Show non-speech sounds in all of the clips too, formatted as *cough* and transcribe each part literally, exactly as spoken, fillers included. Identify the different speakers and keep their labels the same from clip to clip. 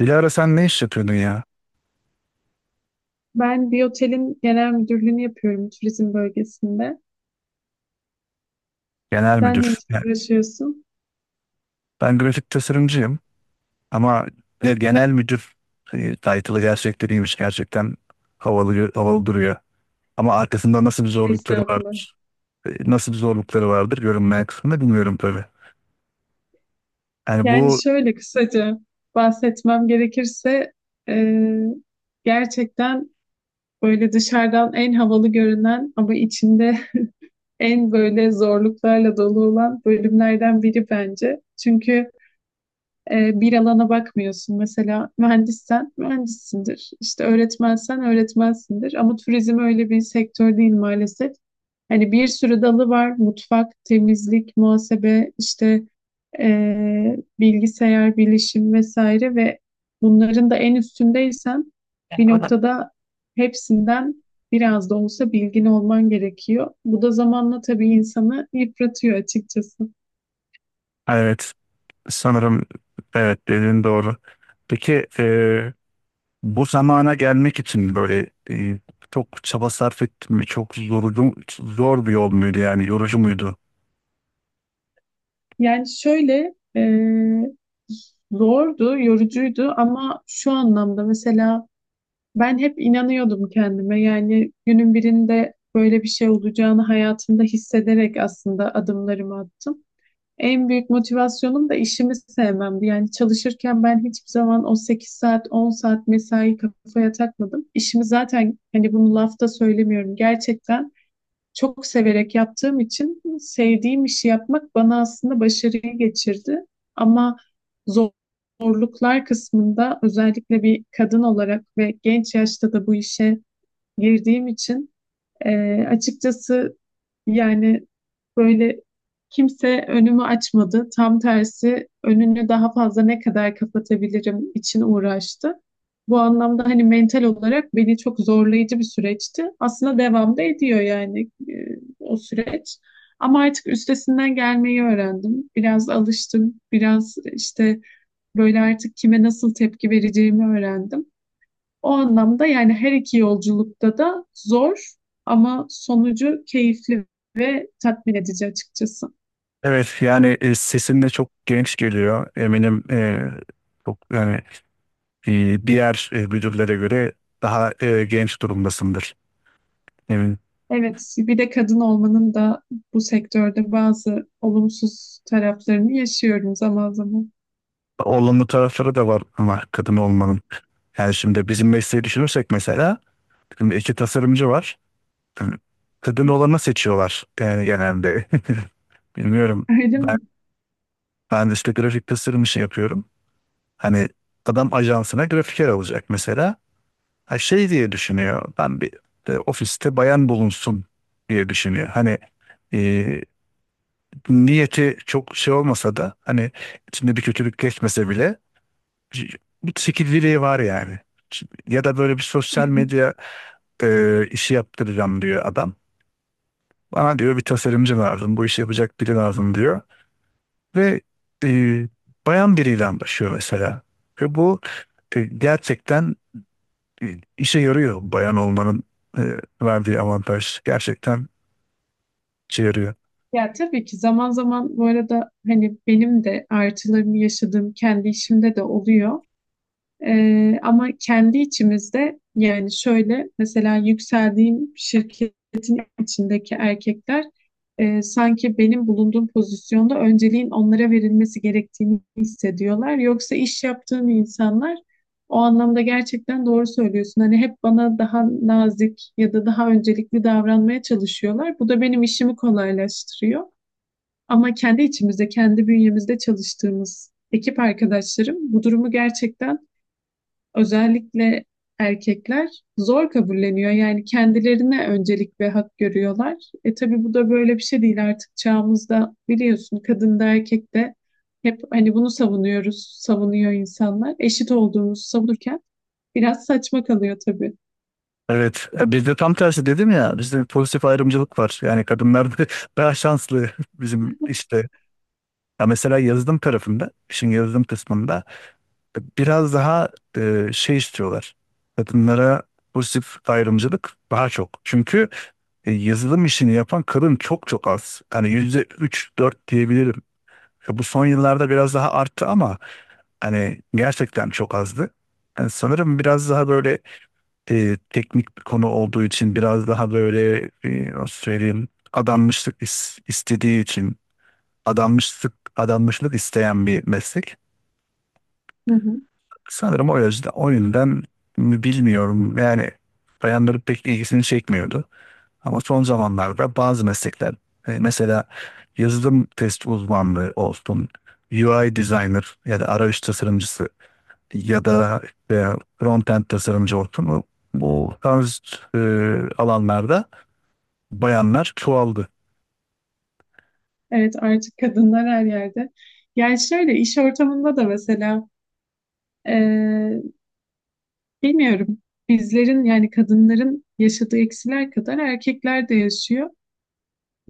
Speaker 1: Dilara sen ne iş yapıyordun ya?
Speaker 2: Ben bir otelin genel müdürlüğünü yapıyorum turizm bölgesinde.
Speaker 1: Genel
Speaker 2: Sen ne
Speaker 1: müdür.
Speaker 2: işle
Speaker 1: Yani
Speaker 2: uğraşıyorsun?
Speaker 1: ben grafik tasarımcıyım ama ne genel müdür, e, title'ı gerçekleriymiş gerçekten havalı, havalı duruyor. Ama arkasında nasıl bir zorlukları
Speaker 2: Estağfurullah.
Speaker 1: vardır? e, Nasıl bir zorlukları vardır, görünmeyen kısmında bilmiyorum tabii. Yani
Speaker 2: Yani
Speaker 1: bu,
Speaker 2: şöyle kısaca bahsetmem gerekirse e, gerçekten böyle dışarıdan en havalı görünen ama içinde *laughs* en böyle zorluklarla dolu olan bölümlerden biri bence. Çünkü e, bir alana bakmıyorsun. Mesela mühendissen mühendissindir. İşte öğretmensen öğretmensindir. Ama turizm öyle bir sektör değil maalesef. Hani bir sürü dalı var. Mutfak, temizlik, muhasebe, işte e, bilgisayar, bilişim vesaire ve bunların da en üstündeysen bir noktada hepsinden biraz da olsa bilgin olman gerekiyor. Bu da zamanla tabii insanı yıpratıyor açıkçası.
Speaker 1: evet, sanırım evet, dediğin doğru. Peki, e, bu zamana gelmek için böyle e, çok çaba sarf ettin mi? Çok yorucu, zor bir yol muydu yani yorucu muydu?
Speaker 2: Yani şöyle e, zordu, yorucuydu ama şu anlamda mesela ben hep inanıyordum kendime. Yani günün birinde böyle bir şey olacağını hayatımda hissederek aslında adımlarımı attım. En büyük motivasyonum da işimi sevmemdi. Yani çalışırken ben hiçbir zaman o sekiz saat, on saat mesai kafaya takmadım. İşimi zaten hani bunu lafta söylemiyorum. Gerçekten çok severek yaptığım için sevdiğim işi yapmak bana aslında başarıyı geçirdi. Ama zorluklar kısmında özellikle bir kadın olarak ve genç yaşta da bu işe girdiğim için ee, açıkçası yani böyle kimse önümü açmadı. Tam tersi önünü daha fazla ne kadar kapatabilirim için uğraştı. Bu anlamda hani mental olarak beni çok zorlayıcı bir süreçti. Aslında devam da ediyor yani e, o süreç. Ama artık üstesinden gelmeyi öğrendim. Biraz alıştım. Biraz işte böyle artık kime nasıl tepki vereceğimi öğrendim. O anlamda yani her iki yolculukta da zor ama sonucu keyifli ve tatmin edici açıkçası.
Speaker 1: Evet, yani e, sesin de çok genç geliyor. Eminim, e, çok yani e, diğer e, müdürlere göre daha e, genç durumdasındır. Eminim.
Speaker 2: Evet, bir de kadın olmanın da bu sektörde bazı olumsuz taraflarını yaşıyorum zaman zaman.
Speaker 1: Olumlu tarafları da var ama kadın olmanın. Yani şimdi bizim mesleği düşünürsek, mesela şimdi iki tasarımcı var. Yani kadın olanı seçiyorlar yani genelde. *laughs* Bilmiyorum.
Speaker 2: Öyle
Speaker 1: Ben,
Speaker 2: mi?
Speaker 1: ben işte grafik tasarım işi yapıyorum. Hani adam ajansına grafiker alacak mesela. Ha, şey diye düşünüyor. Ben bir e, ofiste bayan bulunsun diye düşünüyor. Hani, e, niyeti çok şey olmasa da, hani içinde bir kötülük geçmese bile c- bu çekiciliği var yani. Ç- Ya da böyle bir sosyal
Speaker 2: *laughs*
Speaker 1: medya e, işi yaptıracağım diyor adam. Bana diyor bir tasarımcı lazım, bu işi yapacak biri lazım diyor. Ve e, bayan biriyle anlaşıyor mesela. Ve bu e, gerçekten e, işe yarıyor bayan olmanın e, verdiği avantaj. Gerçekten işe yarıyor.
Speaker 2: Ya tabii ki zaman zaman bu arada hani benim de artılarını yaşadığım kendi işimde de oluyor. Ee, ama kendi içimizde yani şöyle mesela yükseldiğim şirketin içindeki erkekler e, sanki benim bulunduğum pozisyonda önceliğin onlara verilmesi gerektiğini hissediyorlar. Yoksa iş yaptığım insanlar o anlamda gerçekten doğru söylüyorsun. Hani hep bana daha nazik ya da daha öncelikli davranmaya çalışıyorlar. Bu da benim işimi kolaylaştırıyor. Ama kendi içimizde, kendi bünyemizde çalıştığımız ekip arkadaşlarım bu durumu gerçekten özellikle erkekler zor kabulleniyor. Yani kendilerine öncelik ve hak görüyorlar. E tabii bu da böyle bir şey değil artık çağımızda biliyorsun kadın da erkek de hep hani bunu savunuyoruz, savunuyor insanlar. Eşit olduğumuzu savunurken biraz saçma kalıyor tabii.
Speaker 1: Evet, e, bizde tam tersi, dedim ya, bizde pozitif ayrımcılık var. Yani kadınlar da *laughs* daha şanslı bizim
Speaker 2: *laughs*
Speaker 1: işte. Ya mesela yazılım tarafında, işin yazılım kısmında biraz daha e, şey istiyorlar. Kadınlara pozitif ayrımcılık daha çok. Çünkü e, yazılım işini yapan kadın çok çok az. Hani yüzde üç dört diyebilirim. E, Bu son yıllarda biraz daha arttı ama hani gerçekten çok azdı. Yani sanırım biraz daha böyle e, teknik bir konu olduğu için, biraz daha böyle, e, nasıl söyleyeyim, adanmışlık is- istediği için, adanmışlık adanmışlık isteyen bir meslek.
Speaker 2: Hı hı.
Speaker 1: Sanırım o yüzden o yüzden mi bilmiyorum. Yani bayanların pek ilgisini çekmiyordu. Ama son zamanlarda bazı meslekler, e, mesela yazılım test uzmanlığı olsun, U I designer ya da arayüz tasarımcısı, ya da e, frontend tasarımcı olsun. Bu, bu tarz e, alanlarda bayanlar çoğaldı.
Speaker 2: Evet artık kadınlar her yerde. Yani şöyle iş ortamında da mesela Ee, bilmiyorum. Bizlerin yani kadınların yaşadığı eksiler kadar erkekler de yaşıyor.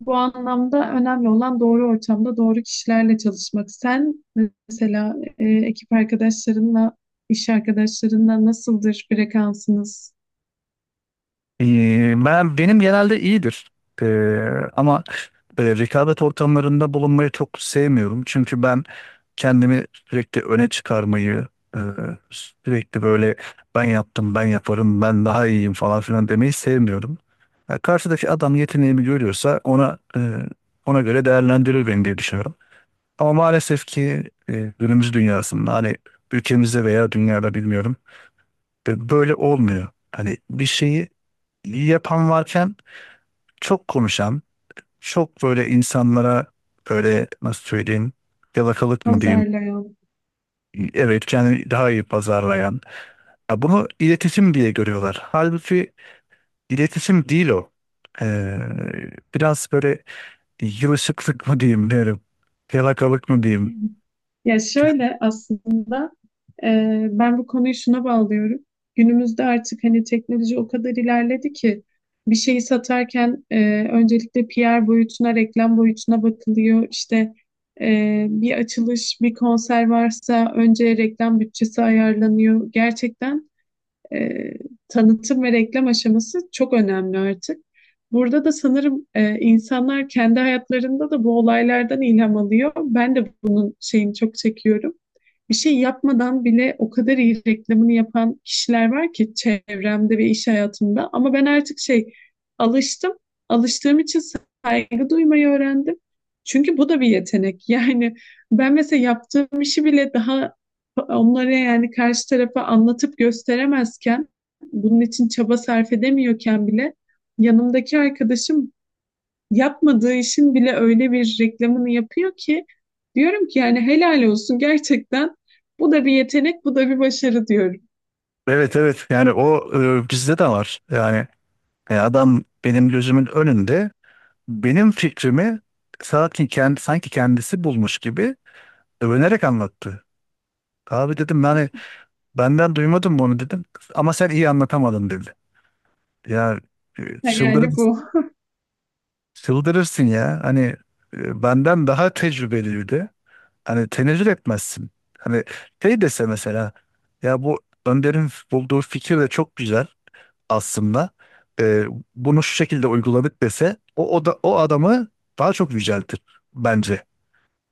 Speaker 2: Bu anlamda önemli olan doğru ortamda doğru kişilerle çalışmak. Sen mesela e, ekip arkadaşlarınla, iş arkadaşlarınla nasıldır frekansınız?
Speaker 1: Ee, ben benim genelde iyidir. Ee, ama böyle rekabet ortamlarında bulunmayı çok sevmiyorum. Çünkü ben kendimi sürekli öne çıkarmayı, e, sürekli böyle ben yaptım, ben yaparım, ben daha iyiyim falan filan demeyi sevmiyorum. Ya karşıdaki adam yeteneğimi görüyorsa ona e, ona göre değerlendirir beni diye düşünüyorum. Ama maalesef ki e, günümüz dünyasında, hani ülkemizde veya dünyada bilmiyorum, e, böyle olmuyor. Hani bir şeyi iyi yapan varken çok konuşan, çok böyle insanlara böyle, nasıl söyleyeyim, yalakalık mı diyeyim?
Speaker 2: Pazarlayan.
Speaker 1: Evet, kendini daha iyi pazarlayan. Ya bunu iletişim diye görüyorlar. Halbuki iletişim değil o. Ee, biraz böyle yılışıklık mı diyeyim derim. Yalakalık mı diyeyim.
Speaker 2: Ya şöyle aslında e, ben bu konuyu şuna bağlıyorum. Günümüzde artık hani teknoloji o kadar ilerledi ki bir şeyi satarken e, öncelikle P R boyutuna, reklam boyutuna bakılıyor. İşte e, bir açılış, bir konser varsa önce reklam bütçesi ayarlanıyor. Gerçekten e, tanıtım ve reklam aşaması çok önemli artık. Burada da sanırım e, insanlar kendi hayatlarında da bu olaylardan ilham alıyor. Ben de bunun şeyini çok çekiyorum bir şey yapmadan bile o kadar iyi reklamını yapan kişiler var ki çevremde ve iş hayatımda. Ama ben artık şey alıştım. Alıştığım için saygı duymayı öğrendim. Çünkü bu da bir yetenek. *laughs* Yani ben mesela yaptığım işi bile daha onlara yani karşı tarafa anlatıp gösteremezken, bunun için çaba sarf edemiyorken bile yanımdaki arkadaşım yapmadığı işin bile öyle bir reklamını yapıyor ki diyorum ki yani helal olsun gerçekten bu da bir yetenek bu da bir başarı diyorum.
Speaker 1: Evet, evet, yani o, e, bizde de var. Yani e, adam benim gözümün önünde benim fikrimi sanki, kend, sanki kendisi bulmuş gibi övünerek anlattı. Abi dedim, yani benden duymadın bunu, dedim. Ama sen iyi anlatamadın, dedi. Ya e,
Speaker 2: Ha,
Speaker 1: çıldırır,
Speaker 2: yani bu
Speaker 1: çıldırırsın ya. Hani e, benden daha tecrübeliydi. Hani tenezzül etmezsin. Hani şey dese mesela, ya bu Önder'in bulduğu fikir de çok güzel aslında, E, bunu şu şekilde uyguladık dese, o, o da o adamı daha çok yüceltir bence.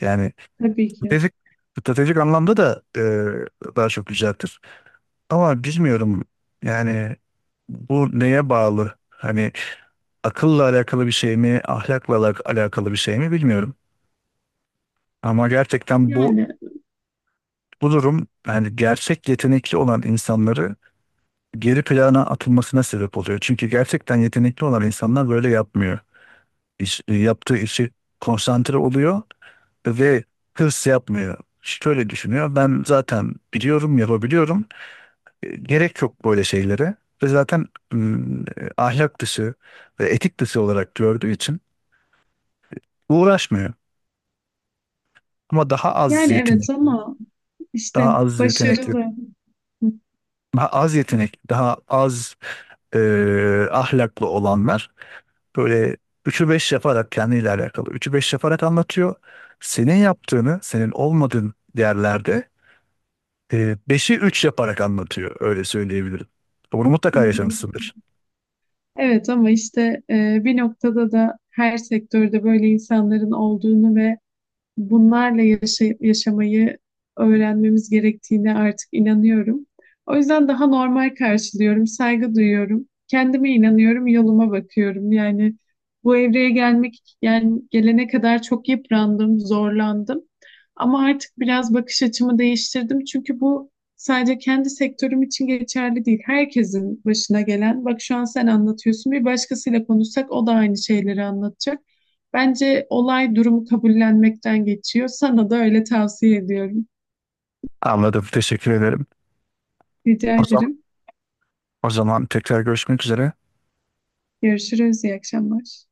Speaker 1: Yani
Speaker 2: *laughs* tabii ki.
Speaker 1: stratejik, stratejik anlamda da e, daha çok yüceltir. Ama bilmiyorum yani, bu neye bağlı? Hani akılla alakalı bir şey mi, ahlakla alak- alakalı bir şey mi, bilmiyorum. Ama gerçekten bu
Speaker 2: Yani
Speaker 1: bu durum, yani gerçek yetenekli olan insanları geri plana atılmasına sebep oluyor. Çünkü gerçekten yetenekli olan insanlar böyle yapmıyor. İş, yaptığı işi konsantre oluyor ve hırs yapmıyor. Şöyle düşünüyor. Ben zaten biliyorum, yapabiliyorum. E, Gerek yok böyle şeylere, ve zaten m, e, ahlak dışı ve etik dışı olarak gördüğü için uğraşmıyor. Ama daha az
Speaker 2: yani evet
Speaker 1: yetenekli,
Speaker 2: ama
Speaker 1: daha
Speaker 2: işte
Speaker 1: az yetenekli,
Speaker 2: başarılı.
Speaker 1: daha az yetenekli, daha az e, ahlaklı olanlar böyle üçü beş yaparak, kendiyle alakalı üçü beş yaparak anlatıyor. Senin yaptığını, senin olmadığın yerlerde e, beşi üç yaparak anlatıyor. Öyle söyleyebilirim. Bunu mutlaka
Speaker 2: *laughs*
Speaker 1: yaşamışsındır.
Speaker 2: Evet ama işte e, bir noktada da her sektörde böyle insanların olduğunu ve bunlarla yaşa- yaşamayı öğrenmemiz gerektiğine artık inanıyorum. O yüzden daha normal karşılıyorum, saygı duyuyorum. Kendime inanıyorum, yoluma bakıyorum. Yani bu evreye gelmek, yani gelene kadar çok yıprandım, zorlandım. Ama artık biraz bakış açımı değiştirdim. Çünkü bu sadece kendi sektörüm için geçerli değil. Herkesin başına gelen, bak şu an sen anlatıyorsun, bir başkasıyla konuşsak o da aynı şeyleri anlatacak. Bence olay durumu kabullenmekten geçiyor. Sana da öyle tavsiye ediyorum.
Speaker 1: Anladım. Teşekkür ederim.
Speaker 2: Rica
Speaker 1: O zaman,
Speaker 2: ederim.
Speaker 1: o zaman tekrar görüşmek üzere.
Speaker 2: Görüşürüz. İyi akşamlar.